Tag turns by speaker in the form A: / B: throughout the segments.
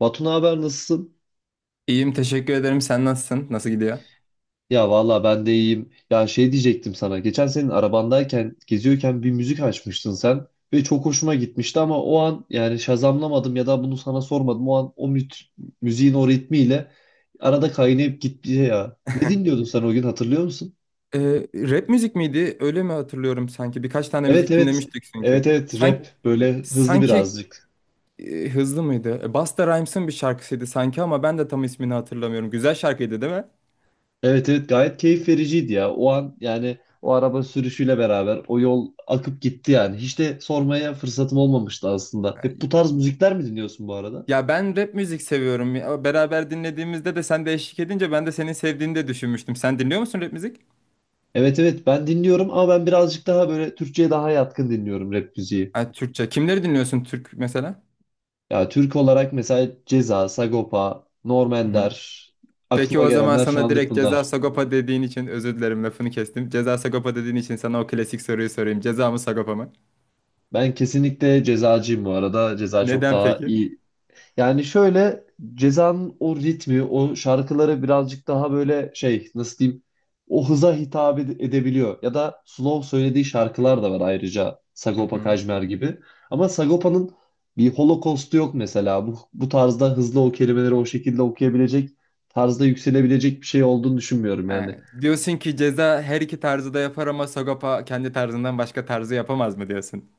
A: Batu, ne haber, nasılsın?
B: İyiyim, teşekkür ederim. Sen nasılsın? Nasıl gidiyor?
A: Ya valla ben de iyiyim. Ya şey diyecektim sana. Geçen senin arabandayken, geziyorken bir müzik açmıştın sen ve çok hoşuma gitmişti, ama o an yani şazamlamadım ya da bunu sana sormadım. O an o müziğin o ritmiyle arada kaynayıp gitti ya. Ne dinliyordun sen o gün, hatırlıyor musun?
B: Ee, Rap müzik miydi? Öyle mi hatırlıyorum sanki? Birkaç tane
A: Evet,
B: müzik
A: evet.
B: dinlemiştik
A: Evet,
B: çünkü.
A: evet, rap,
B: Sanki,
A: böyle hızlı
B: sanki
A: birazcık.
B: hızlı mıydı? Busta Rhymes'ın bir şarkısıydı sanki, ama ben de tam ismini hatırlamıyorum. Güzel şarkıydı değil mi?
A: Evet, evet, gayet keyif vericiydi ya. O an yani o araba sürüşüyle beraber o yol akıp gitti yani. Hiç de sormaya fırsatım olmamıştı aslında. Hep
B: Ay,
A: bu tarz müzikler mi dinliyorsun bu arada?
B: Ya ben rap müzik seviyorum. Ya beraber dinlediğimizde de sen de eşlik edince ben de senin sevdiğini de düşünmüştüm. Sen dinliyor musun rap müzik?
A: Evet, evet, ben dinliyorum ama ben birazcık daha böyle Türkçe'ye daha yatkın dinliyorum rap müziği.
B: Ha, Türkçe. Kimleri dinliyorsun Türk mesela?
A: Ya Türk olarak mesela Ceza, Sagopa, Norm
B: Hı.
A: Ender,
B: Peki,
A: aklıma
B: o zaman
A: gelenler şu
B: sana
A: anlık
B: direkt Ceza
A: bunlar.
B: Sagopa dediğin için özür dilerim, lafını kestim. Ceza Sagopa dediğin için sana o klasik soruyu sorayım. Ceza mı Sagopa mı?
A: Ben kesinlikle cezacıyım bu arada. Ceza çok
B: Neden
A: daha
B: peki?
A: iyi. Yani şöyle, Ceza'nın o ritmi, o şarkıları birazcık daha böyle şey, nasıl diyeyim, o hıza hitap edebiliyor. Ya da slow söylediği şarkılar da var ayrıca
B: Hı
A: Sagopa
B: hı.
A: Kajmer gibi. Ama Sagopa'nın bir Holocaust'u yok mesela. Bu tarzda hızlı o kelimeleri o şekilde okuyabilecek, tarzda yükselebilecek bir şey olduğunu düşünmüyorum
B: Ha,
A: yani.
B: diyorsun ki Ceza her iki tarzı da yapar ama Sagopa kendi tarzından başka tarzı yapamaz mı diyorsun?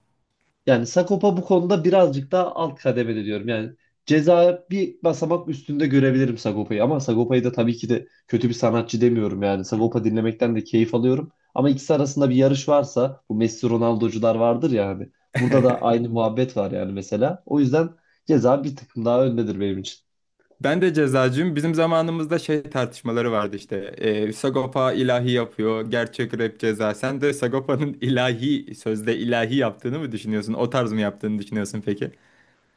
A: Yani Sakopa bu konuda birazcık daha alt kademede diyorum. Yani ceza bir basamak üstünde görebilirim Sagopa'yı, ama Sagopa'yı da tabii ki de kötü bir sanatçı demiyorum yani.
B: Hı.
A: Sagopa dinlemekten de keyif alıyorum. Ama ikisi arasında bir yarış varsa, bu Messi Ronaldo'cular vardır ya hani. Burada da aynı muhabbet var yani mesela. O yüzden ceza bir tık daha öndedir benim için.
B: Ben de cezacıyım. Bizim zamanımızda şey tartışmaları vardı işte. Sagopa ilahi yapıyor. Gerçek rap Ceza. Sen de Sagopa'nın ilahi, sözde ilahi yaptığını mı düşünüyorsun? O tarz mı yaptığını düşünüyorsun peki?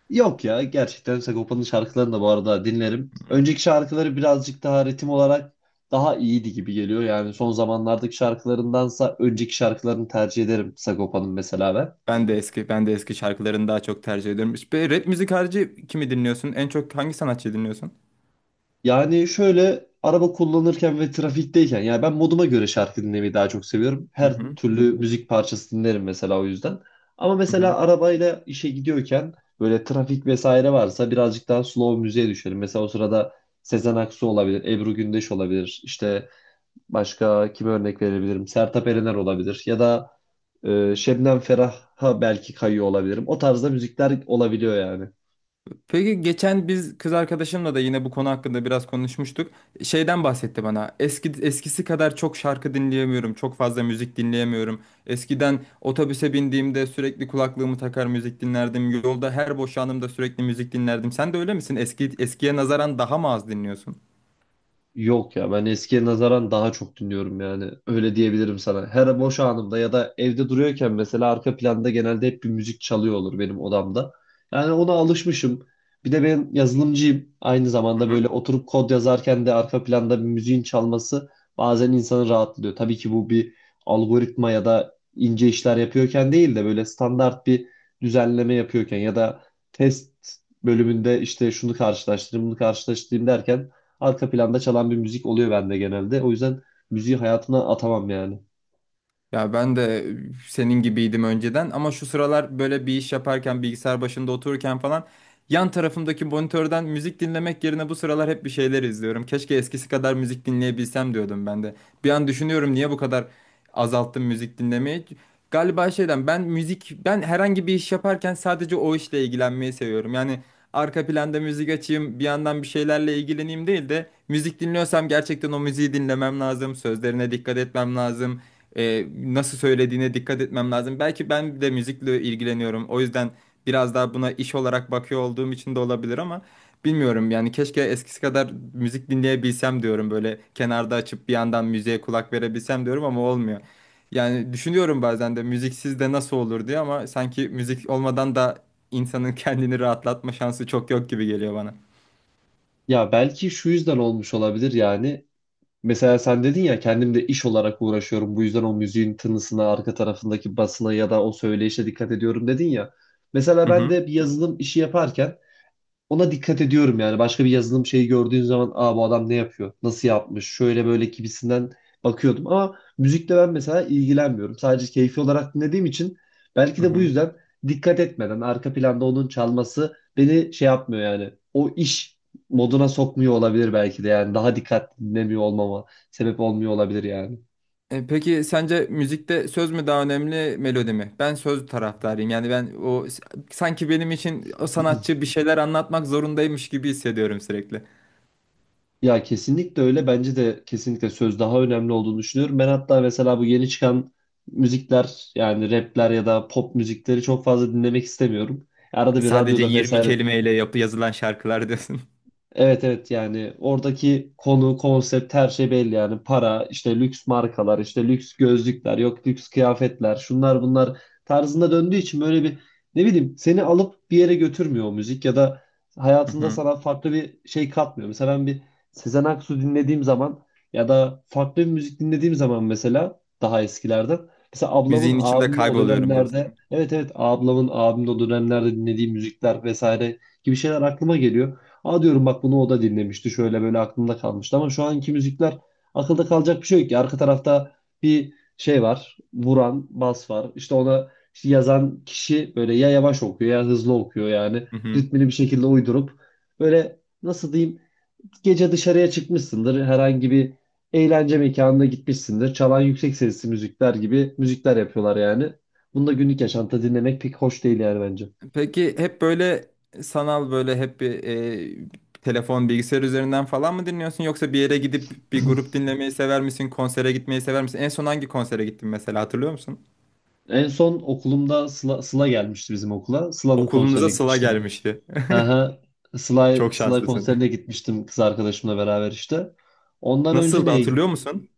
A: Yok ya, gerçekten Sagopa'nın şarkılarını da bu arada dinlerim. Önceki şarkıları birazcık daha ritim olarak daha iyiydi gibi geliyor. Yani son zamanlardaki şarkılarındansa önceki şarkılarını tercih ederim Sagopa'nın mesela ben.
B: Ben de eski, ben de eski şarkılarını daha çok tercih ediyorum. Ve rap müzik harici kimi dinliyorsun? En çok hangi sanatçıyı dinliyorsun?
A: Yani şöyle, araba kullanırken ve trafikteyken yani ben moduma göre şarkı dinlemeyi daha çok seviyorum.
B: Hı
A: Her
B: hı.
A: türlü müzik parçası dinlerim mesela o yüzden. Ama
B: Hı hı.
A: mesela arabayla işe gidiyorken böyle trafik vesaire varsa birazcık daha slow müziğe düşerim. Mesela o sırada Sezen Aksu olabilir, Ebru Gündeş olabilir, işte başka kime örnek verebilirim? Sertab Erener olabilir. Ya da Şebnem Ferah'a belki kayıyor olabilirim. O tarzda müzikler olabiliyor yani.
B: Peki, geçen biz kız arkadaşımla da yine bu konu hakkında biraz konuşmuştuk. Şeyden bahsetti bana. Eski eskisi kadar çok şarkı dinleyemiyorum. Çok fazla müzik dinleyemiyorum. Eskiden otobüse bindiğimde sürekli kulaklığımı takar müzik dinlerdim. Yolda her boş anımda sürekli müzik dinlerdim. Sen de öyle misin? Eski eskiye nazaran daha mı az dinliyorsun?
A: Yok ya, ben eskiye nazaran daha çok dinliyorum yani, öyle diyebilirim sana. Her boş anımda ya da evde duruyorken mesela arka planda genelde hep bir müzik çalıyor olur benim odamda. Yani ona alışmışım. Bir de ben yazılımcıyım. Aynı zamanda böyle oturup kod yazarken de arka planda bir müziğin çalması bazen insanı rahatlıyor. Tabii ki bu bir algoritma ya da ince işler yapıyorken değil de böyle standart bir düzenleme yapıyorken ya da test bölümünde işte şunu karşılaştırayım, bunu karşılaştırayım derken arka planda çalan bir müzik oluyor bende genelde. O yüzden müziği hayatına atamam yani.
B: Ya ben de senin gibiydim önceden, ama şu sıralar böyle bir iş yaparken, bilgisayar başında otururken falan yan tarafımdaki monitörden müzik dinlemek yerine bu sıralar hep bir şeyler izliyorum. Keşke eskisi kadar müzik dinleyebilsem diyordum ben de. Bir an düşünüyorum, niye bu kadar azalttım müzik dinlemeyi. Galiba şeyden, ben müzik, ben herhangi bir iş yaparken sadece o işle ilgilenmeyi seviyorum. Yani arka planda müzik açayım, bir yandan bir şeylerle ilgileneyim değil de, müzik dinliyorsam gerçekten o müziği dinlemem lazım. Sözlerine dikkat etmem lazım, nasıl söylediğine dikkat etmem lazım. Belki ben de müzikle ilgileniyorum. O yüzden biraz daha buna iş olarak bakıyor olduğum için de olabilir, ama bilmiyorum yani, keşke eskisi kadar müzik dinleyebilsem diyorum. Böyle kenarda açıp bir yandan müziğe kulak verebilsem diyorum ama olmuyor. Yani düşünüyorum bazen de müziksiz de nasıl olur diye, ama sanki müzik olmadan da insanın kendini rahatlatma şansı çok yok gibi geliyor bana.
A: Ya belki şu yüzden olmuş olabilir yani. Mesela sen dedin ya, kendimde iş olarak uğraşıyorum. Bu yüzden o müziğin tınısına, arka tarafındaki basına ya da o söyleyişe dikkat ediyorum dedin ya. Mesela
B: Hı
A: ben
B: hı.
A: de bir yazılım işi yaparken ona dikkat ediyorum yani. Başka bir yazılım şeyi gördüğün zaman, aa, bu adam ne yapıyor? Nasıl yapmış? Şöyle böyle gibisinden bakıyordum. Ama müzikle ben mesela ilgilenmiyorum. Sadece keyfi olarak dinlediğim için belki
B: Hı
A: de bu
B: hı.
A: yüzden dikkat etmeden arka planda onun çalması beni şey yapmıyor yani. O iş moduna sokmuyor olabilir belki de yani. Daha dikkatli dinlemiyor olmama sebep olmuyor olabilir yani.
B: Peki sence müzikte söz mü daha önemli, melodi mi? Ben söz taraftarıyım. Yani ben o, sanki benim için o sanatçı bir şeyler anlatmak zorundaymış gibi hissediyorum sürekli.
A: Ya, kesinlikle öyle. Bence de kesinlikle söz daha önemli olduğunu düşünüyorum. Ben hatta mesela bu yeni çıkan müzikler, yani rapler ya da pop müzikleri çok fazla dinlemek istemiyorum. Arada bir
B: Sadece
A: radyoda
B: 20
A: vesaire.
B: kelimeyle yapı yazılan şarkılar diyorsun.
A: Evet, evet, yani oradaki konu, konsept, her şey belli yani: para, işte lüks markalar, işte lüks gözlükler, yok lüks kıyafetler, şunlar bunlar tarzında döndüğü için, böyle bir, ne bileyim, seni alıp bir yere götürmüyor o müzik ya da
B: Hı
A: hayatında
B: hı.
A: sana farklı bir şey katmıyor. Mesela ben bir Sezen Aksu dinlediğim zaman ya da farklı bir müzik dinlediğim zaman, mesela daha eskilerden, mesela ablamın
B: Müziğin içinde
A: abimle o
B: kayboluyorum
A: dönemlerde,
B: diyorsun.
A: evet evet, ablamın abimle o dönemlerde dinlediği müzikler vesaire gibi şeyler aklıma geliyor. Aa, diyorum, bak, bunu o da dinlemişti, şöyle böyle aklımda kalmıştı. Ama şu anki müzikler, akılda kalacak bir şey yok ki. Arka tarafta bir şey var, vuran bas var, İşte ona işte yazan kişi böyle ya yavaş okuyor ya hızlı okuyor, yani
B: Hı hı.
A: ritmini bir şekilde uydurup, böyle nasıl diyeyim, gece dışarıya çıkmışsındır, herhangi bir eğlence mekanına gitmişsindir, çalan yüksek sesli müzikler gibi müzikler yapıyorlar yani. Bunu da günlük yaşantıda dinlemek pek hoş değil yani bence.
B: Peki, hep böyle sanal, böyle hep bir telefon, bilgisayar üzerinden falan mı dinliyorsun, yoksa bir yere gidip bir grup dinlemeyi sever misin? Konsere gitmeyi sever misin? En son hangi konsere gittin mesela, hatırlıyor musun?
A: En son okulumda Sıla gelmişti bizim okula. Sıla'nın konserine
B: Okulunuza Sıla
A: gitmiştim.
B: gelmişti.
A: Aha, Sıla,
B: Çok
A: Sıla
B: şanslısın.
A: konserine gitmiştim kız arkadaşımla beraber işte. Ondan önce
B: Nasıldı,
A: neye,
B: hatırlıyor musun?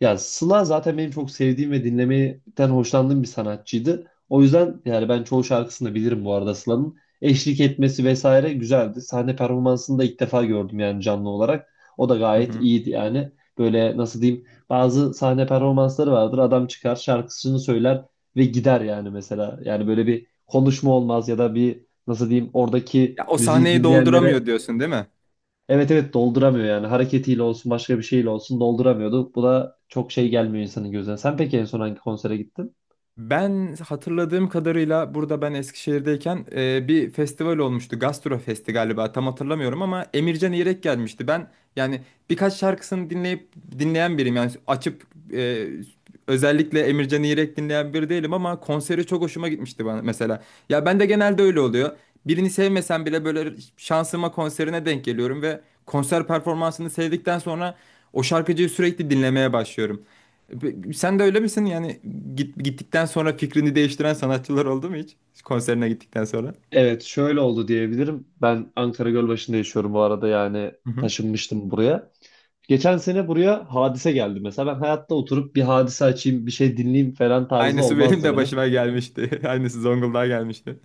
A: ya Sıla zaten benim çok sevdiğim ve dinlemekten hoşlandığım bir sanatçıydı. O yüzden yani ben çoğu şarkısını da bilirim bu arada Sıla'nın. Eşlik etmesi vesaire güzeldi. Sahne performansını da ilk defa gördüm yani canlı olarak. O da
B: Hı
A: gayet
B: hı.
A: iyiydi yani. Böyle nasıl diyeyim, bazı sahne performansları vardır. Adam çıkar, şarkısını söyler ve gider yani mesela. Yani böyle bir konuşma olmaz ya da bir, nasıl diyeyim, oradaki
B: Ya o
A: müziği
B: sahneyi
A: dinleyenlere.
B: dolduramıyor diyorsun değil mi?
A: Evet, evet, dolduramıyor yani, hareketiyle olsun, başka bir şeyle olsun dolduramıyordu. Bu da çok şey gelmiyor insanın gözüne. Sen peki en son hangi konsere gittin?
B: Ben hatırladığım kadarıyla, burada ben Eskişehir'deyken bir festival olmuştu. Gastro Festi galiba, tam hatırlamıyorum, ama Emircan İrek gelmişti. Ben yani birkaç şarkısını dinleyip dinleyen biriyim. Yani açıp e, özellikle Emircan İrek dinleyen biri değilim, ama konseri çok hoşuma gitmişti bana mesela. Ya ben de genelde öyle oluyor. Birini sevmesem bile böyle şansıma konserine denk geliyorum ve konser performansını sevdikten sonra o şarkıcıyı sürekli dinlemeye başlıyorum. Sen de öyle misin? Yani gittikten sonra fikrini değiştiren sanatçılar oldu mu hiç? Konserine gittikten sonra.
A: Evet, şöyle oldu diyebilirim. Ben Ankara Gölbaşı'nda yaşıyorum bu arada yani,
B: Hı hı.
A: taşınmıştım buraya. Geçen sene buraya Hadise geldi mesela. Ben hayatta oturup bir Hadise açayım, bir şey dinleyeyim falan tarzı
B: Aynısı benim
A: olmazdı
B: de
A: benim.
B: başıma gelmişti. Aynısı Zonguldak'a gelmişti.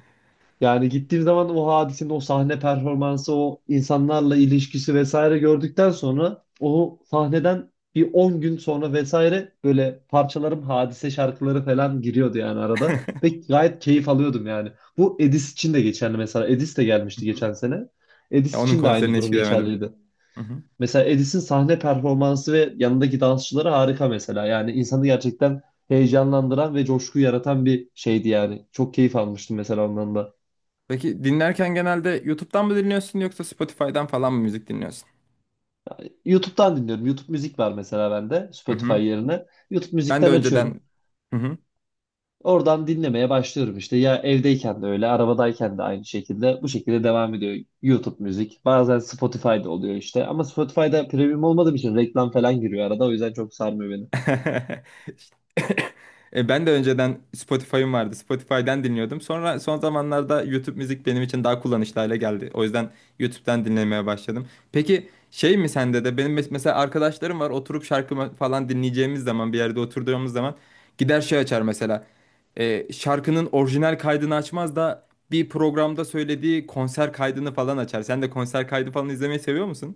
A: Yani gittiğim zaman o hadisenin o sahne performansı, o insanlarla ilişkisi vesaire gördükten sonra, o sahneden bir 10 gün sonra vesaire, böyle parçalarım, hadise şarkıları falan giriyordu yani arada. Ve gayet keyif alıyordum yani. Bu Edis için de geçerli mesela. Edis de
B: Hı
A: gelmişti
B: hı.
A: geçen sene.
B: Ya
A: Edis
B: onun
A: için de aynı
B: konserine hiç
A: durum
B: gidemedim.
A: geçerliydi.
B: Hı hı.
A: Mesela Edis'in sahne performansı ve yanındaki dansçıları harika mesela. Yani insanı gerçekten heyecanlandıran ve coşku yaratan bir şeydi yani. Çok keyif almıştım mesela ondan da.
B: Peki dinlerken genelde YouTube'dan mı dinliyorsun, yoksa Spotify'dan falan mı müzik dinliyorsun?
A: YouTube'dan dinliyorum. YouTube müzik var mesela bende
B: Hı
A: Spotify
B: hı.
A: yerine. YouTube
B: Ben de
A: müzikten açıyorum.
B: önceden... Hı hı.
A: Oradan dinlemeye başlıyorum işte. Ya evdeyken de öyle, arabadayken de aynı şekilde. Bu şekilde devam ediyor YouTube müzik. Bazen Spotify'da oluyor işte. Ama Spotify'da premium olmadığım için reklam falan giriyor arada. O yüzden çok sarmıyor beni.
B: Ben de önceden Spotify'ım vardı. Spotify'dan dinliyordum. Sonra son zamanlarda YouTube müzik benim için daha kullanışlı hale geldi. O yüzden YouTube'dan dinlemeye başladım. Peki şey mi, sende de benim mesela, arkadaşlarım var, oturup şarkı falan dinleyeceğimiz zaman, bir yerde oturduğumuz zaman gider şey açar mesela. Şarkının orijinal kaydını açmaz da bir programda söylediği konser kaydını falan açar. Sen de konser kaydı falan izlemeyi seviyor musun?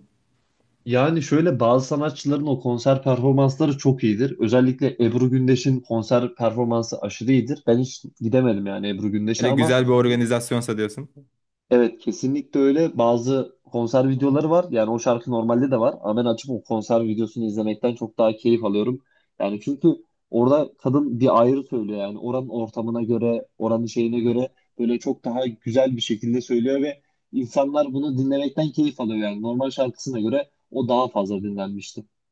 A: Yani şöyle, bazı sanatçıların o konser performansları çok iyidir. Özellikle
B: Hı hı.
A: Ebru Gündeş'in konser performansı aşırı iyidir. Ben hiç gidemedim yani Ebru Gündeş'e,
B: Hele
A: ama
B: güzel bir organizasyonsa diyorsun.
A: evet, kesinlikle öyle, bazı konser videoları var. Yani o şarkı normalde de var ama ben açıp o konser videosunu izlemekten çok daha keyif alıyorum. Yani çünkü orada kadın bir ayrı söylüyor yani, oranın ortamına göre, oranın şeyine göre böyle çok daha güzel bir şekilde söylüyor ve insanlar bunu dinlemekten keyif alıyor yani normal şarkısına göre o daha fazla dinlenmişti.